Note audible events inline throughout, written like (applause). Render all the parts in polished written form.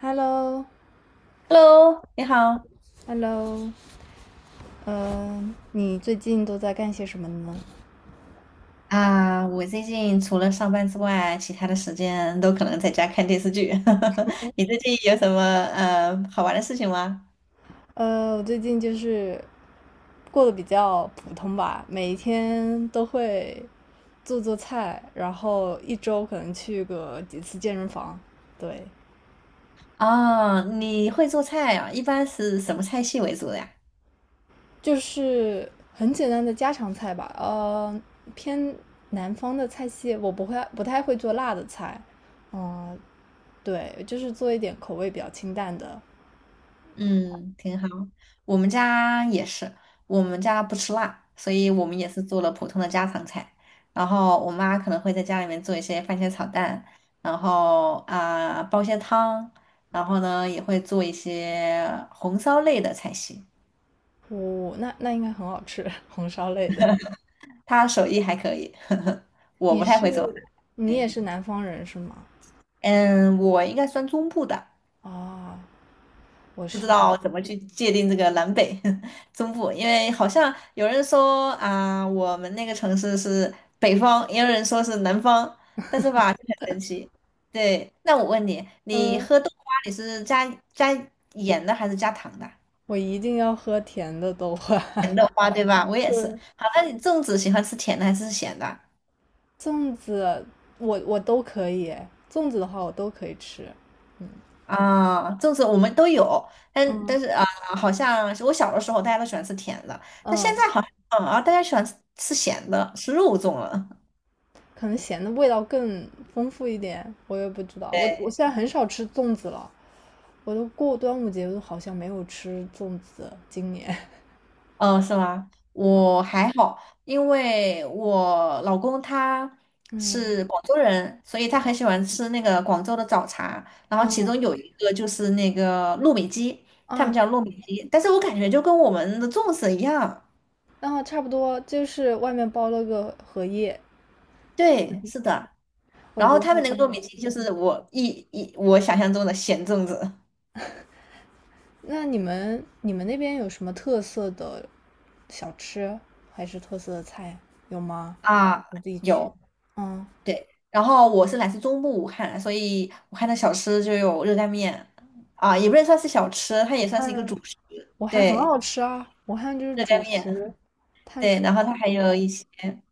Hello，Hello，Hello，你好。嗯，你最近都在干些什么呢？啊，我最近除了上班之外，其他的时间都可能在家看电视剧。(laughs) 你最近有什么好玩的事情吗？我最近就是过得比较普通吧，每一天都会做做菜，然后一周可能去个几次健身房，对，啊，你会做菜啊？一般是什么菜系为主的呀？就是很简单的家常菜吧。偏南方的菜系，我不太会做辣的菜，嗯、对，就是做一点口味比较清淡的。嗯，挺好。我们家也是，我们家不吃辣，所以我们也是做了普通的家常菜。然后我妈可能会在家里面做一些番茄炒蛋，然后啊、煲些汤，然后呢也会做一些红烧类的菜系。哦，那应该很好吃，(laughs) 红烧类的。她手艺还可以，(laughs) 我你嗯不太会做饭。是你也对，是南方人是吗？嗯，我应该算中部的。啊，我不知是道南，怎么去界定这个南北 (laughs) 中部，因为好像有人说啊、我们那个城市是北方，也有人说是南方，但是吧，就很神奇。对，那我问你，你嗯，喝豆花你是加盐的还是加糖的？我一定要喝甜的豆花。甜豆花对吧？(laughs) 我也是。对，好，那你粽子喜欢吃甜的还是咸的？粽子，我都可以诶粽子的话我都可以吃。嗯，啊，粽子我们都有，但嗯，但是啊、好像是我小的时候大家都喜欢吃甜的，但现嗯。在好像啊，大家喜欢吃咸的，吃肉粽了。(laughs) 可能咸的味道更丰富一点，我也不知道。我对。现在很少吃粽子了，我都过端午节我都好像没有吃粽子，今年。(laughs) 是吗？我还好，因为我老公他嗯是广州人，所以他很喜欢吃那个广州的早茶。然后其中嗯有一个就是那个糯米鸡，他们啊，叫糯米鸡，但是我感觉就跟我们的粽子一样。然后差不多就是外面包了个荷叶，对，是的。我然觉后得他还们那挺个糯好米吃鸡就的。是我我想象中的咸粽子那你们那边有什么特色的小吃还是特色的菜有吗？啊，你自己去。有。嗯，对，然后我是来自中部武汉，所以武汉的小吃就有热干面，啊，也不能算是小吃，它也武算是一个汉主食。武汉很对，好吃啊，武汉就是热干主面，食，碳对，水然后它很还有多一些，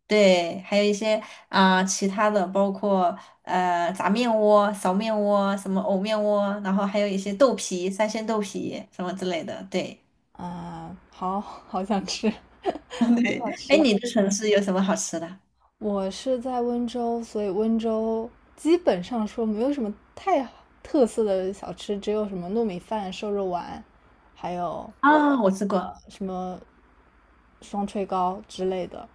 对，还有一些啊、其他的，包括炸面窝、苕面窝、什么藕面窝，然后还有一些豆皮、三鲜豆皮什么之类的。对，啊，好好想吃，(laughs) 好对，想哎，吃。你的城市有什么好吃的？我是在温州，所以温州基本上说没有什么太特色的小吃，只有什么糯米饭、瘦肉丸，还有啊，我吃呃过什么双炊糕之类的。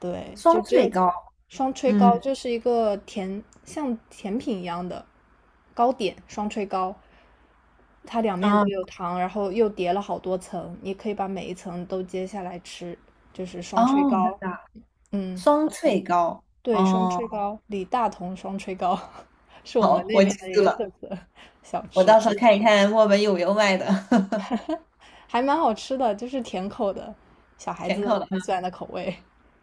对，就双只脆有糕，双炊糕，嗯，就是一个像甜品一样的糕点，双炊糕，它两面都啊，有糖，然后又叠了好多层，你可以把每一层都揭下来吃，就是双炊哦，真糕。的。嗯，双脆糕。对，双哦，炊糕，李大同双炊糕 (laughs) 是我们好，那我记边的一住个特了，色小我吃，到时候看一看墨尔本有没有卖的 (laughs) 还蛮好吃的，就是甜口的，小孩甜子口的。很喜欢的口味。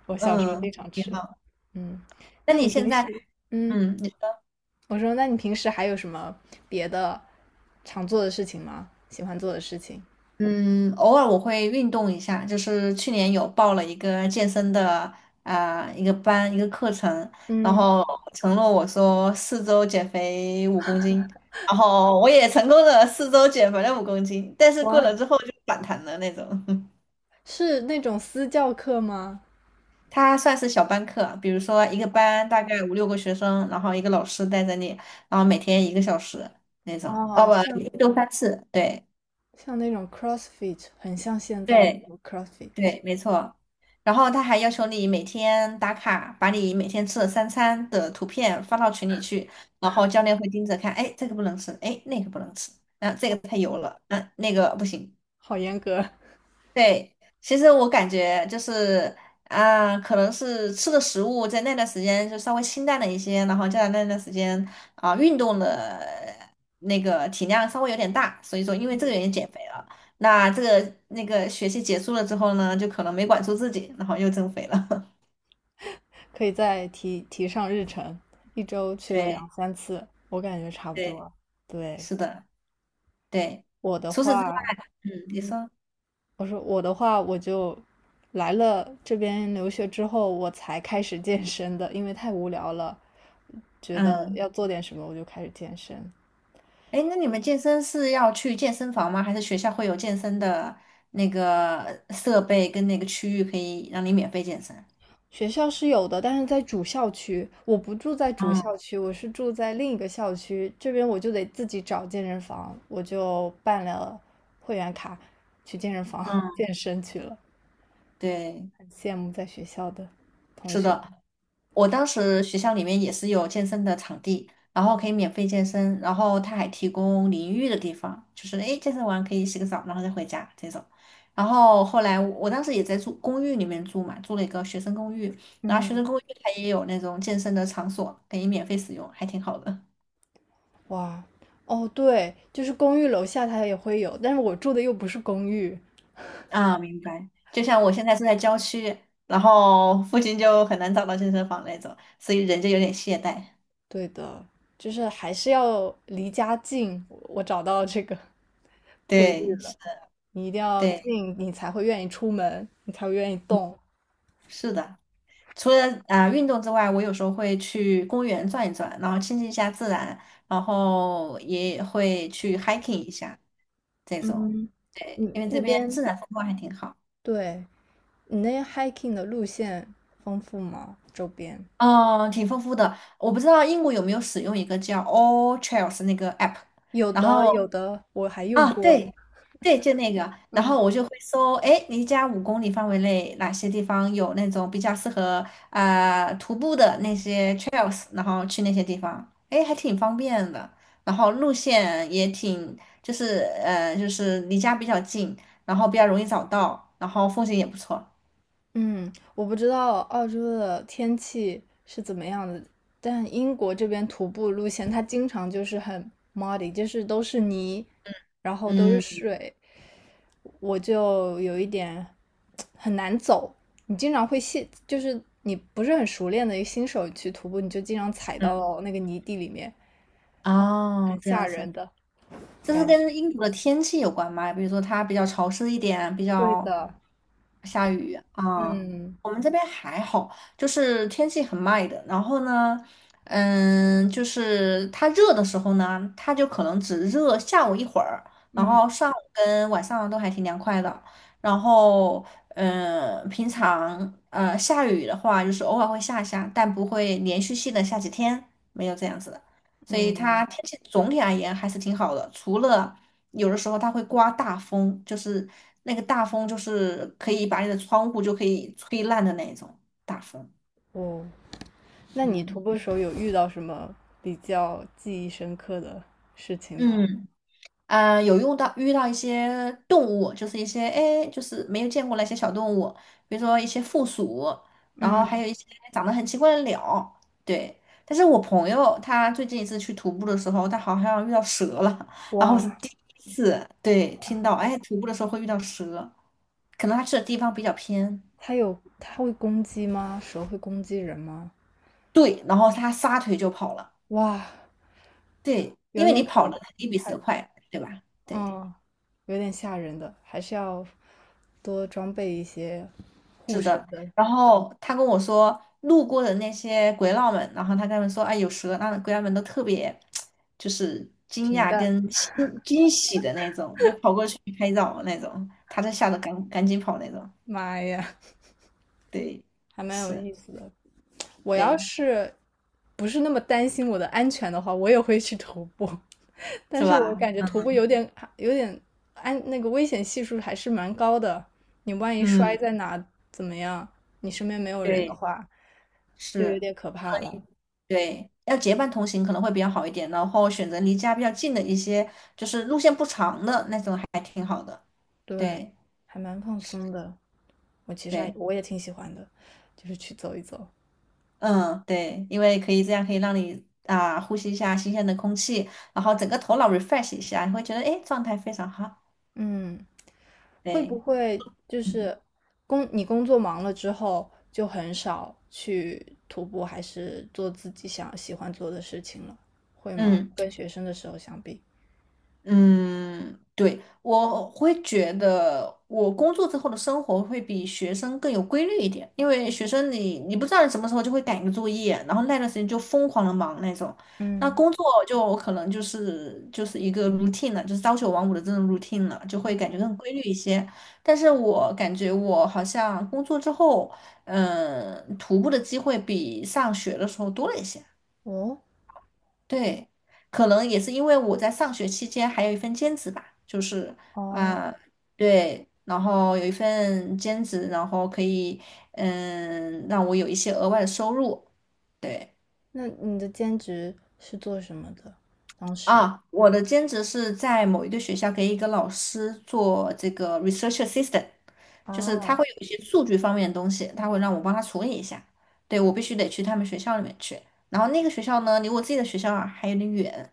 我小时候嗯，经常挺吃。好。嗯，那那你你现平时，在，嗯，嗯，你说，我说，那你平时还有什么别的常做的事情吗？喜欢做的事情？嗯，偶尔我会运动一下，就是去年有报了一个健身的啊、一个班一个课程，然嗯，后承诺我说四周减肥五公斤，然后我也成功的四周减肥了五公斤，但是过哇，了之后就反弹了那种。(laughs) 是那种私教课吗？他算是小班课啊，比如说一个班大概五六个学生，然后一个老师带着你，然后每天一个小时那种，哦哦，不，像一周三次，对像那种 CrossFit，很像现在的 对 CrossFit，对，没错。然后他还要求你每天打卡，把你每天吃的三餐的图片发到群里去，然后教练会盯着看，哎，这个不能吃，哎，那个不能吃，啊，这个太油了，嗯、那个不行。好严格。对，其实我感觉就是啊、可能是吃的食物在那段时间就稍微清淡了一些，然后加上那段时间啊、运动的那个体量稍微有点大，所以说因为这个原因减肥了。那这个那个学期结束了之后呢，就可能没管住自己，然后又增肥了。可以再提提上日程，一周 (laughs) 去个两对三次，我感觉差不对，多。对，是的，对。我的除此之外，话，嗯，你嗯，说，我说我的话，我就来了这边留学之后，我才开始健身的，因为太无聊了，觉得嗯。要做点什么，我就开始健身。哎，那你们健身是要去健身房吗？还是学校会有健身的那个设备跟那个区域可以让你免费健身？学校是有的，但是在主校区，我不住在主嗯校区，我是住在另一个校区，这边我就得自己找健身房，我就办了会员卡，去健身房 嗯 (laughs) 健身去了。对，羡慕在学校的同是学。的，我当时学校里面也是有健身的场地，然后可以免费健身，然后他还提供淋浴的地方，就是诶，健身完可以洗个澡，然后再回家这种。然后后来我当时也在住公寓里面住嘛，住了一个学生公寓，然后学生嗯，公寓它也有那种健身的场所可以免费使用，还挺好的。哇，哦，对，就是公寓楼下它也会有，但是我住的又不是公寓。啊，明白。就像我现在住在郊区，然后附近就很难找到健身房那种，所以人就有点懈怠。对的，就是还是要离家近。我找到这个 (laughs) 规律对，了，是你一定要对，近，你才会愿意出门，你才会愿意嗯动。是的。除了啊、运动之外，我有时候会去公园转一转，然后亲近一下自然，然后也会去 hiking 一下这种，嗯，你因为这那边边，自然风光还挺好。对，你那边 hiking 的路线丰富吗？周边嗯，挺丰富的。我不知道英国有没有使用一个叫 All Trails 那个 app，有然的，后有的，我还用啊，过。对，对，就那个，然嗯。后我就会搜，哎，离家5公里范围内哪些地方有那种比较适合啊、徒步的那些 trails，然后去那些地方，哎，还挺方便的，然后路线也挺，就是离家比较近，然后比较容易找到，然后风景也不错，嗯，我不知道澳洲的天气是怎么样的，但英国这边徒步路线它经常就是很 muddy，就是都是泥，然后都是嗯水，我就有一点很难走。你经常会陷，就是你不是很熟练的一个新手去徒步，你就经常踩嗯，到那个泥地里面，很哦，这样吓子。人的这是感觉。跟英国的天气有关吗？比如说它比较潮湿一点，比对较的，下雨啊。嗯我们这边还好，就是天气很 m 的。然后呢，嗯，就是它热的时候呢，它就可能只热下午一会儿，然嗯后上午跟晚上都还挺凉快的。然后，嗯，平常下雨的话，就是偶尔会下一下，但不会连续性的下几天，没有这样子的。所以嗯，它天气总体而言还是挺好的，除了有的时候它会刮大风，就是那个大风就是可以把你的窗户就可以吹烂的那种大风。哦。那你徒嗯。步的时候有遇到什么比较记忆深刻的事情嗯，吗？嗯，有用到遇到一些动物，就是一些哎，就是没有见过那些小动物，比如说一些负鼠，然后还嗯，有一些长得很奇怪的鸟，对。但是我朋友他最近一次去徒步的时候，他好像遇到蛇了，然后我是哇，第一次对听到，哎，徒步的时候会遇到蛇，可能他去的地方比较偏，它有，它会攻击吗？蛇会攻击人吗？对，然后他撒腿就跑了，哇，对，有因为点你跑了可，你比害蛇怕。快，对吧？对。嗯，有点吓人的，还是要多装备一些护身的然后他跟我说，路过的那些鬼佬们，然后他跟他们说，哎，有蛇，那鬼佬们都特别就是惊平讶淡，跟惊喜的那种，就跑过去拍照那种，他就吓得赶紧跑那种。妈呀，对，还蛮有是，意思的。我要对，是不是那么担心我的安全的话，我也会去徒步。但是是我吧？感觉徒步有点有点安，那个危险系数还是蛮高的。你万一摔嗯，在哪怎么样？你身边没有人的对，话，就有是，点可怕了。对。要结伴同行可能会比较好一点，然后选择离家比较近的一些，就是路线不长的那种还挺好的。对，对，还蛮放松的。我其实还对。我也挺喜欢的，就是去走一走。嗯，对，因为可以这样可以让你啊呼吸一下新鲜的空气，然后整个头脑 refresh 一下，你会觉得哎状态非常好。嗯，会不对，会就嗯是你工作忙了之后就很少去徒步，还是做自己喜欢做的事情了？会吗？嗯。跟学生的时候相比？嗯，对，我会觉得我工作之后的生活会比学生更有规律一点，因为学生你不知道你什么时候就会赶个作业，然后那段时间就疯狂的忙那种。那嗯工作就可能就是一个 routine 了，就是朝九晚五的这种 routine 了，就会感嗯，觉更规律一些。但是我感觉我好像工作之后，嗯，徒步的机会比上学的时候多了一些。哦，对，可能也是因为我在上学期间还有一份兼职吧，就是哦，啊、对，然后有一份兼职，然后可以嗯让我有一些额外的收入。对那你的兼职是做什么的？当时啊，我的兼职是在某一个学校给一个老师做这个 research assistant，就是他啊，会有一些数据方面的东西，他会让我帮他处理一下。对，我必须得去他们学校里面去，然后那个学校呢离我自己的学校啊还有点远。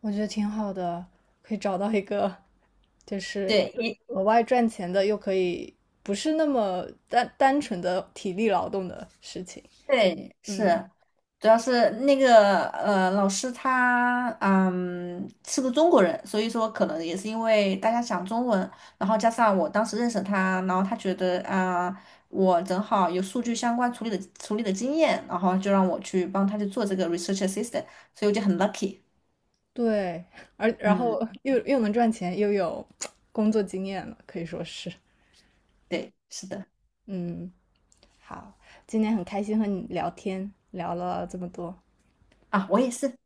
我觉得挺好的，可以找到一个就是对，也额外赚钱的，又可以不是那么单纯的体力劳动的事情。对，嗯，是，主要是那个老师他嗯是个中国人，所以说可能也是因为大家讲中文，然后加上我当时认识他，然后他觉得啊、我正好有数据相关处理的经验，然后就让我去帮他去做这个 research assistant，所以我就很 lucky。对，而然嗯，后又能赚钱，又有工作经验了，可以说是。对，是的，嗯，好，今天很开心和你聊天，聊了这么多。啊，我也是。